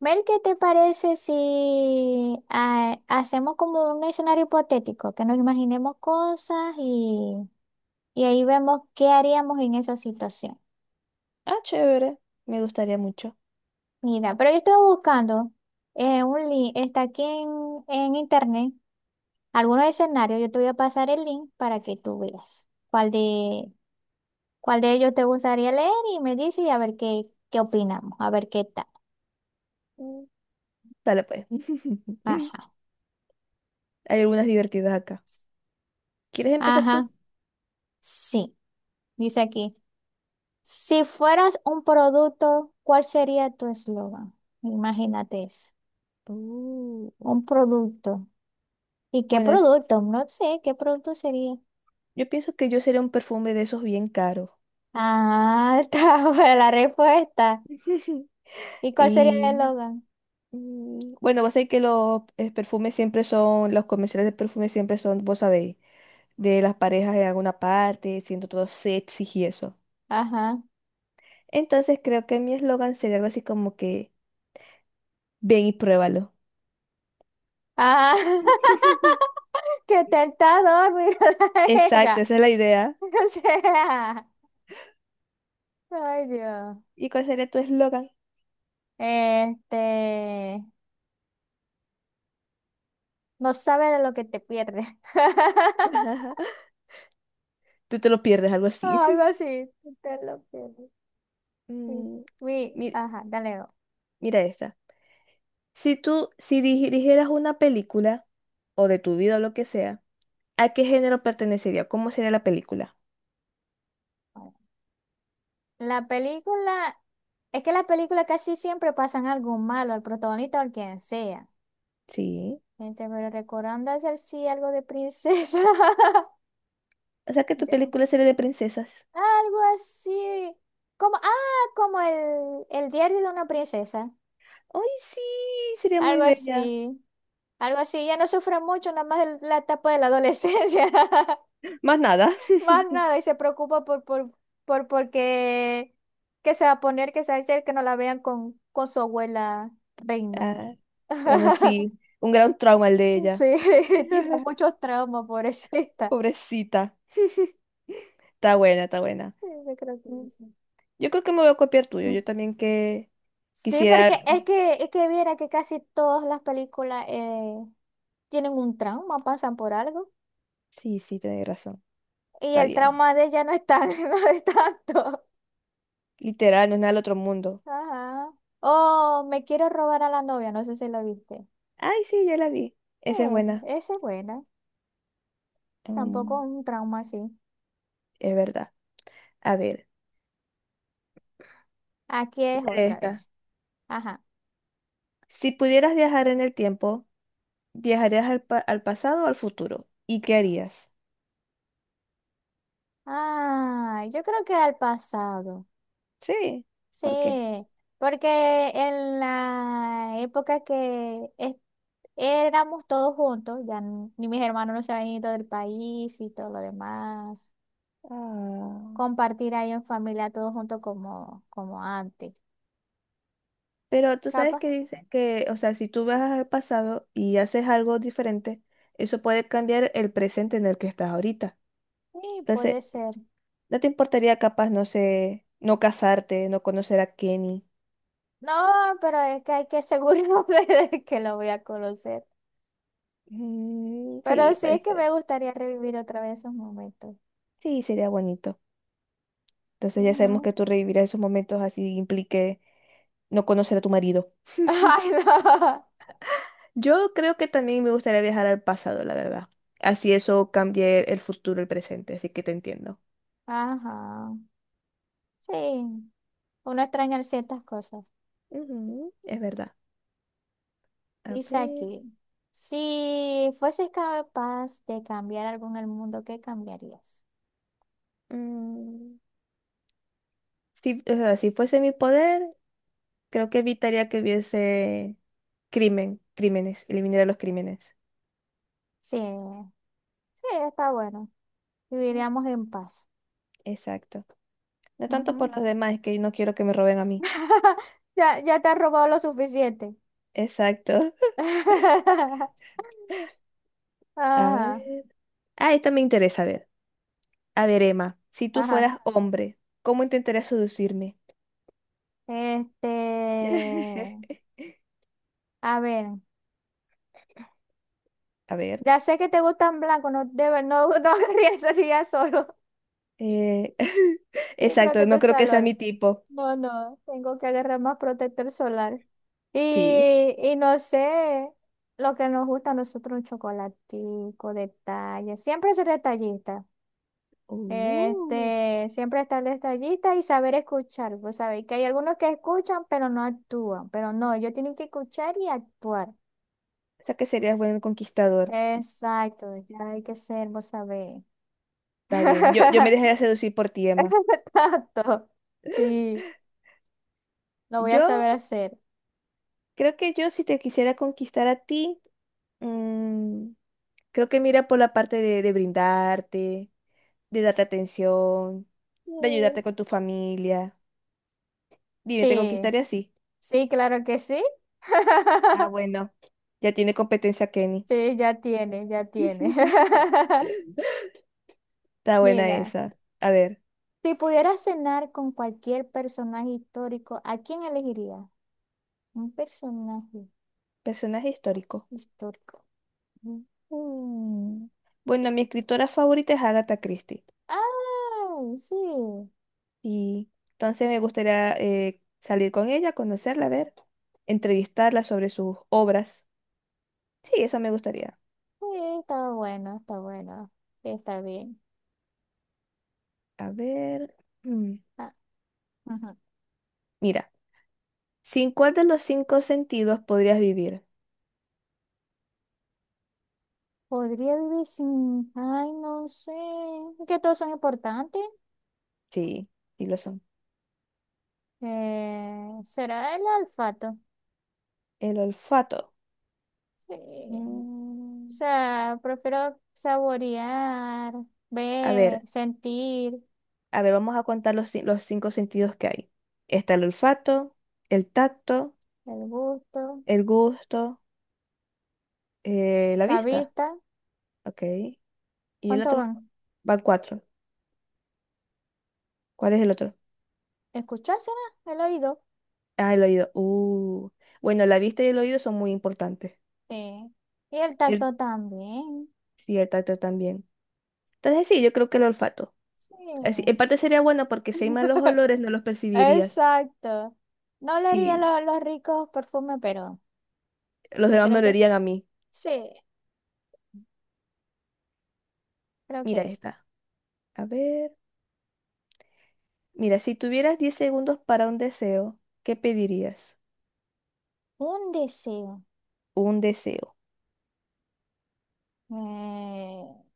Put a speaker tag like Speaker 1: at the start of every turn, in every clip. Speaker 1: Mel, ¿qué te parece si hacemos como un escenario hipotético, que nos imaginemos cosas y ahí vemos qué haríamos en esa situación?
Speaker 2: Ah, chévere. Me gustaría mucho.
Speaker 1: Mira, pero yo estoy buscando un link, está aquí en internet, algunos escenarios, yo te voy a pasar el link para que tú veas cuál de ellos te gustaría leer y me dices y a ver qué opinamos, a ver qué tal.
Speaker 2: Mm, Dale pues.
Speaker 1: Ajá,
Speaker 2: Hay algunas divertidas acá. ¿Quieres empezar tú?
Speaker 1: ajá, sí, dice aquí. Si fueras un producto, ¿cuál sería tu eslogan? Imagínate eso.
Speaker 2: Uh,
Speaker 1: Un producto. ¿Y qué
Speaker 2: Bueno,
Speaker 1: producto? No sé, ¿qué producto sería?
Speaker 2: yo pienso que yo sería un perfume de esos bien caros.
Speaker 1: Ah, está buena la respuesta. ¿Y cuál sería el
Speaker 2: Y
Speaker 1: eslogan?
Speaker 2: bueno, vos sabés que los perfumes siempre son, los comerciales de perfumes siempre son, vos sabéis, de las parejas en alguna parte, siendo todo sexy y eso.
Speaker 1: Ajá.
Speaker 2: Entonces creo que mi eslogan sería algo así como que, ven y pruébalo.
Speaker 1: Ah, qué tentador, mírala a
Speaker 2: Exacto,
Speaker 1: ella.
Speaker 2: esa es la idea.
Speaker 1: O sea, ay Dios.
Speaker 2: ¿Y cuál sería tu eslogan?
Speaker 1: Este, no sabe de lo que te pierde.
Speaker 2: Tú te lo pierdes, algo así.
Speaker 1: Algo así, te lo pierdes. Sí.
Speaker 2: Mm,
Speaker 1: Uy,
Speaker 2: mi-
Speaker 1: ajá, dale.
Speaker 2: mira esta. Si tú, si dirigieras una película, o de tu vida o lo que sea, ¿a qué género pertenecería? ¿Cómo sería la película?
Speaker 1: La película, es que las películas casi siempre pasan algo malo al protagonista o al quien sea.
Speaker 2: Sí.
Speaker 1: Gente, pero recordando hacer sí algo de princesa.
Speaker 2: O sea que tu
Speaker 1: Ya.
Speaker 2: película sería de princesas.
Speaker 1: Algo así. Como, como el diario de una princesa.
Speaker 2: ¡Ay, sí! Sería muy
Speaker 1: Algo
Speaker 2: bella.
Speaker 1: así. Algo así. Ya no sufre mucho, nada más la etapa de la adolescencia.
Speaker 2: Más nada.
Speaker 1: Más nada. Y se preocupa por porque que se va a poner, que se va a hacer, que no la vean con su abuela reina.
Speaker 2: Ah, bueno, sí. Un gran trauma el de
Speaker 1: Sí,
Speaker 2: ella.
Speaker 1: tiene muchos traumas, pobrecita.
Speaker 2: Pobrecita. Está buena, está buena.
Speaker 1: Sí, yo creo que
Speaker 2: Mm.
Speaker 1: sí.
Speaker 2: Yo creo que me voy a copiar tuyo. Yo también que
Speaker 1: Sí,
Speaker 2: Quisiera.
Speaker 1: porque es que viera que casi todas las películas tienen un trauma, pasan por algo.
Speaker 2: Sí, sí, tenés razón.
Speaker 1: Y
Speaker 2: Está
Speaker 1: el
Speaker 2: bien.
Speaker 1: trauma de ella no es tan, no es tanto.
Speaker 2: Literal, no es nada del otro mundo.
Speaker 1: Ajá. Oh, me quiero robar a la novia, no sé si lo viste.
Speaker 2: Ay, sí, ya la vi. Esa es
Speaker 1: Eh,
Speaker 2: buena.
Speaker 1: esa es buena. Tampoco
Speaker 2: Mm,
Speaker 1: es un trauma así.
Speaker 2: es verdad. A ver,
Speaker 1: Aquí es
Speaker 2: mira
Speaker 1: otra
Speaker 2: esta.
Speaker 1: vez. Ajá.
Speaker 2: Si pudieras viajar en el tiempo, ¿viajarías al, al pasado o al futuro? ¿Y qué harías?
Speaker 1: Ah, yo creo que al pasado.
Speaker 2: Sí,
Speaker 1: Sí,
Speaker 2: ¿por qué?
Speaker 1: porque en la época que éramos todos juntos, ya ni mis hermanos no se habían ido del país y todo lo demás,
Speaker 2: Ah,
Speaker 1: compartir ahí en familia todos juntos como, como antes.
Speaker 2: pero tú sabes
Speaker 1: Capaz,
Speaker 2: que dicen que, o sea, si tú viajas al pasado y haces algo diferente, eso puede cambiar el presente en el que estás ahorita.
Speaker 1: sí,
Speaker 2: Entonces,
Speaker 1: puede ser.
Speaker 2: ¿no te importaría capaz, no sé, no casarte, no conocer a Kenny?
Speaker 1: No, pero es que hay que asegurarme de que lo voy a conocer.
Speaker 2: Mm,
Speaker 1: Pero
Speaker 2: sí,
Speaker 1: sí
Speaker 2: puede
Speaker 1: es que
Speaker 2: ser.
Speaker 1: me gustaría revivir otra vez esos momentos.
Speaker 2: Sí, sería bonito. Entonces ya sabemos
Speaker 1: Ujú.
Speaker 2: que tú revivirás esos momentos así implique no conocer a tu marido.
Speaker 1: Ay, no.
Speaker 2: Yo creo que también me gustaría viajar al pasado, la verdad. Así eso cambie el futuro, el presente, así que te entiendo.
Speaker 1: Ajá. Sí, uno extraña ciertas cosas.
Speaker 2: Ujú, es verdad. A
Speaker 1: Dice
Speaker 2: ver.
Speaker 1: aquí, si fueses capaz de cambiar algo en el mundo, ¿qué cambiarías?
Speaker 2: mm, si, o sea, si fuese mi poder, creo que evitaría que hubiese crimen, crímenes, eliminaría los crímenes.
Speaker 1: Sí, sí, está bueno.
Speaker 2: Mm,
Speaker 1: Viviríamos en paz.
Speaker 2: Exacto. No tanto
Speaker 1: Ujú.
Speaker 2: por los demás, es que no quiero que me roben a mí.
Speaker 1: Ya, ya te has robado lo suficiente.
Speaker 2: Exacto. A
Speaker 1: Ajá,
Speaker 2: ver. Ah, esta me interesa, a ver. A ver, Emma, si tú
Speaker 1: ajá.
Speaker 2: fueras hombre, ¿cómo intentarías seducirme?
Speaker 1: Este, a ver,
Speaker 2: A ver.
Speaker 1: ya sé que te gustan blancos, no debe, no, no querría salir solo
Speaker 2: eh,
Speaker 1: y
Speaker 2: Exacto,
Speaker 1: protege
Speaker 2: no
Speaker 1: el
Speaker 2: creo que sea mi
Speaker 1: salón.
Speaker 2: tipo.
Speaker 1: No, no, tengo que agarrar más protector solar.
Speaker 2: Sí.
Speaker 1: Y no sé, lo que nos gusta a nosotros, un chocolatico, detalle. Siempre ser detallista.
Speaker 2: Uh.
Speaker 1: Este, siempre estar detallista y saber escuchar. Pues sabéis que hay algunos que escuchan, pero no actúan. Pero no, ellos tienen que escuchar y actuar.
Speaker 2: O sea que serías buen conquistador.
Speaker 1: Exacto, ya hay que ser, vos sabés.
Speaker 2: Está bien. Yo me dejaría seducir por ti, Emma.
Speaker 1: Exacto. Sí, lo voy a
Speaker 2: Yo
Speaker 1: saber hacer.
Speaker 2: creo que yo si te quisiera conquistar a ti, mm, creo que mira por la parte de brindarte de darte atención,
Speaker 1: Sí.
Speaker 2: de ayudarte con tu familia. Dime, ¿te
Speaker 1: Sí.
Speaker 2: conquistaré así?
Speaker 1: Sí, claro que sí.
Speaker 2: Ah, bueno, ya tiene competencia Kenny.
Speaker 1: Sí, ya tiene, ya tiene.
Speaker 2: Está buena
Speaker 1: Mira,
Speaker 2: esa. A ver,
Speaker 1: si pudieras cenar con cualquier personaje histórico, ¿a quién elegirías? Un personaje
Speaker 2: personaje histórico.
Speaker 1: histórico.
Speaker 2: Mm. Bueno, mi escritora favorita es Agatha Christie.
Speaker 1: Ah, sí,
Speaker 2: Y entonces me gustaría salir con ella, conocerla, a ver, entrevistarla sobre sus obras. Sí, eso me gustaría.
Speaker 1: sí, está bueno, está bueno. Sí, está bien.
Speaker 2: A ver. mm,
Speaker 1: Ah, ujú.
Speaker 2: Mira, ¿sin cuál de los cinco sentidos podrías vivir?
Speaker 1: Podría vivir sin, ay, no sé, es que todos son importantes.
Speaker 2: Sí, sí lo son.
Speaker 1: ¿Será el olfato?
Speaker 2: ¿El olfato?
Speaker 1: Sí. O
Speaker 2: Mm,
Speaker 1: sea, prefiero saborear,
Speaker 2: a ver,
Speaker 1: ver, sentir
Speaker 2: a ver, vamos a contar los cinco sentidos que hay. Está el olfato, el tacto,
Speaker 1: el gusto,
Speaker 2: el gusto, la
Speaker 1: la
Speaker 2: vista.
Speaker 1: vista.
Speaker 2: Ok. ¿Y el
Speaker 1: ¿Cuánto
Speaker 2: otro?
Speaker 1: van?
Speaker 2: Van cuatro. ¿Cuál es el otro?
Speaker 1: Escuchar será el oído.
Speaker 2: Ah, el oído. Bueno, la vista y el oído son muy importantes.
Speaker 1: Sí. Y el
Speaker 2: El,
Speaker 1: tacto también.
Speaker 2: y el tacto también. Entonces sí, yo creo que el olfato.
Speaker 1: Sí.
Speaker 2: Así, en parte sería bueno porque si hay malos olores no los percibirías.
Speaker 1: Exacto. No olería
Speaker 2: Sí,
Speaker 1: los ricos perfumes, pero
Speaker 2: los
Speaker 1: yo
Speaker 2: demás me
Speaker 1: creo que
Speaker 2: olerían a mí.
Speaker 1: sí, creo que
Speaker 2: Mira
Speaker 1: es.
Speaker 2: esta. A ver. Mira, si tuvieras 10 segundos para un deseo, ¿qué pedirías?
Speaker 1: Un deseo.
Speaker 2: Un deseo.
Speaker 1: Eh,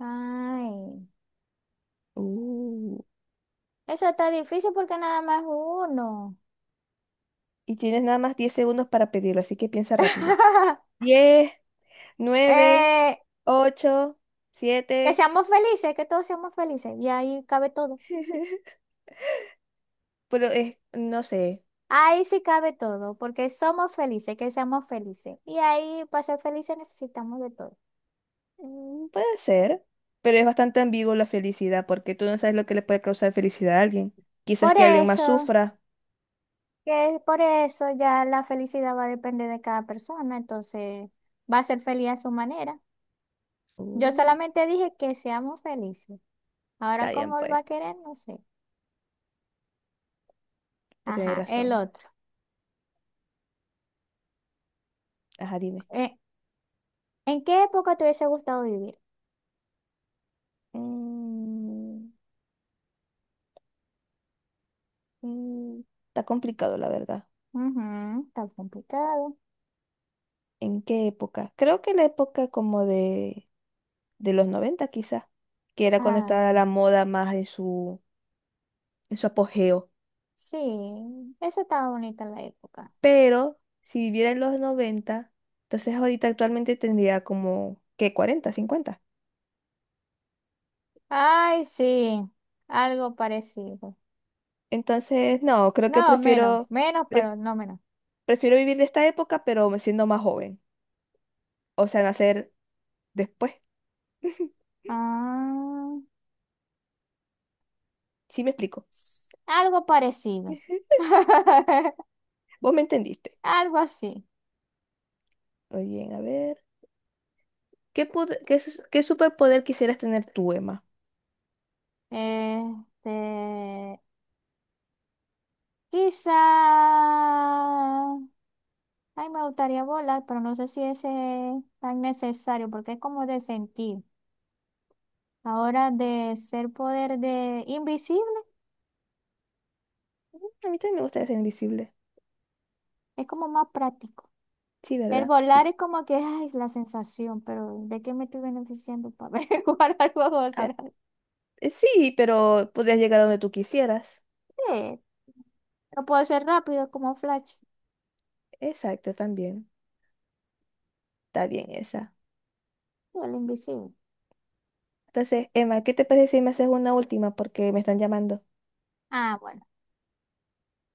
Speaker 1: ay.
Speaker 2: Uh,
Speaker 1: Eso está difícil porque nada más uno.
Speaker 2: Y tienes nada más 10 segundos para pedirlo, así que piensa rápido. 10, 9,
Speaker 1: Eh,
Speaker 2: 8,
Speaker 1: Que
Speaker 2: 7.
Speaker 1: seamos felices, que todos seamos felices. Y ahí cabe todo.
Speaker 2: Pero es, no sé,
Speaker 1: Ahí sí cabe todo, porque somos felices, que seamos felices. Y ahí para ser felices necesitamos de todo.
Speaker 2: puede ser, pero es bastante ambiguo la felicidad, porque tú no sabes lo que le puede causar felicidad a alguien. Quizás
Speaker 1: Por
Speaker 2: que alguien más
Speaker 1: eso,
Speaker 2: sufra.
Speaker 1: que por eso ya la felicidad va a depender de cada persona, entonces va a ser feliz a su manera. Yo
Speaker 2: Uh,
Speaker 1: solamente dije que seamos felices. Ahora,
Speaker 2: Está bien,
Speaker 1: ¿cómo él va
Speaker 2: pues,
Speaker 1: a querer? No sé.
Speaker 2: pues tenéis
Speaker 1: Ajá, el
Speaker 2: razón.
Speaker 1: otro.
Speaker 2: Ajá, dime.
Speaker 1: Eh, ¿En qué época te hubiese gustado vivir?
Speaker 2: Mm, mm, Está complicado, la verdad.
Speaker 1: Ujú, está complicado.
Speaker 2: ¿En qué época? Creo que la época como de los 90 quizás, que era cuando estaba
Speaker 1: Ah,
Speaker 2: la moda más en su apogeo.
Speaker 1: sí, esa estaba bonita en la época.
Speaker 2: Pero si viviera en los 90, entonces ahorita actualmente tendría como, ¿qué? Cuarenta, 50.
Speaker 1: Ay, sí, algo parecido.
Speaker 2: Entonces, no, creo que
Speaker 1: No, menos,
Speaker 2: prefiero,
Speaker 1: menos, pero
Speaker 2: pre-
Speaker 1: no menos.
Speaker 2: prefiero vivir de esta época, pero siendo más joven. O sea, nacer después.
Speaker 1: Ah,
Speaker 2: Sí me explico.
Speaker 1: algo parecido.
Speaker 2: Vos me entendiste.
Speaker 1: Algo así.
Speaker 2: Muy bien, a ver. ¿Qué, pod- qué, su- qué superpoder quisieras tener tú, Emma?
Speaker 1: Este, quizá. Ay, me gustaría volar, pero no sé si ese es tan necesario, porque es como de sentir. Ahora de ser poder de invisible,
Speaker 2: A mí también me gustaría ser invisible.
Speaker 1: es como más práctico.
Speaker 2: Sí,
Speaker 1: El
Speaker 2: ¿verdad?
Speaker 1: volar es como que ay, es la sensación, pero ¿de qué me estoy beneficiando para jugar algo juego? De
Speaker 2: Ah,
Speaker 1: ser.
Speaker 2: sí, pero podrías llegar a donde tú quisieras.
Speaker 1: Sí, lo puedo hacer rápido como Flash,
Speaker 2: Exacto, también. Está bien esa.
Speaker 1: o el invisible.
Speaker 2: Entonces, Emma, ¿qué te parece si me haces una última? Porque me están llamando.
Speaker 1: Ah, bueno.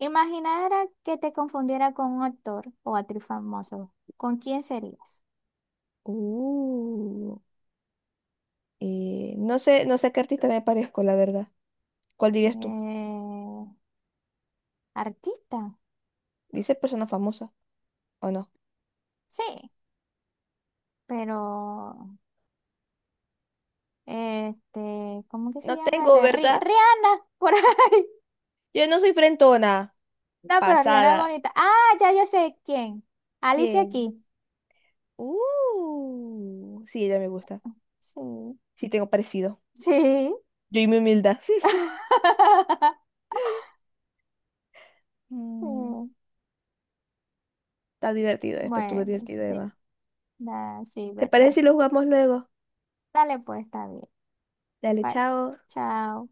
Speaker 1: Imaginara que te confundiera con un actor o actriz famoso. ¿Con quién serías?
Speaker 2: Uh, no sé, no sé a qué artista me parezco, la verdad. ¿Cuál dirías tú?
Speaker 1: Eh, artista.
Speaker 2: ¿Dice persona famosa o no?
Speaker 1: Sí, pero este, ¿cómo que se
Speaker 2: No
Speaker 1: llama
Speaker 2: tengo,
Speaker 1: esa?
Speaker 2: ¿verdad?
Speaker 1: Rihanna, por ahí.
Speaker 2: Yo no soy frentona.
Speaker 1: No, pero Rihanna es
Speaker 2: Pasada.
Speaker 1: bonita. Ah, ya yo sé quién. Alicia
Speaker 2: ¿Quién?
Speaker 1: aquí.
Speaker 2: Sí, ella me gusta.
Speaker 1: Sí.
Speaker 2: Sí, tengo parecido.
Speaker 1: Sí.
Speaker 2: Yo y mi humildad.
Speaker 1: Sí.
Speaker 2: Mm. Está divertido esto, estuvo
Speaker 1: Bueno,
Speaker 2: divertido,
Speaker 1: sí,
Speaker 2: Eva.
Speaker 1: sí,
Speaker 2: ¿Te parece
Speaker 1: verdad.
Speaker 2: si lo jugamos luego?
Speaker 1: Dale pues, está bien.
Speaker 2: Dale,
Speaker 1: Bye.
Speaker 2: chao.
Speaker 1: Chao.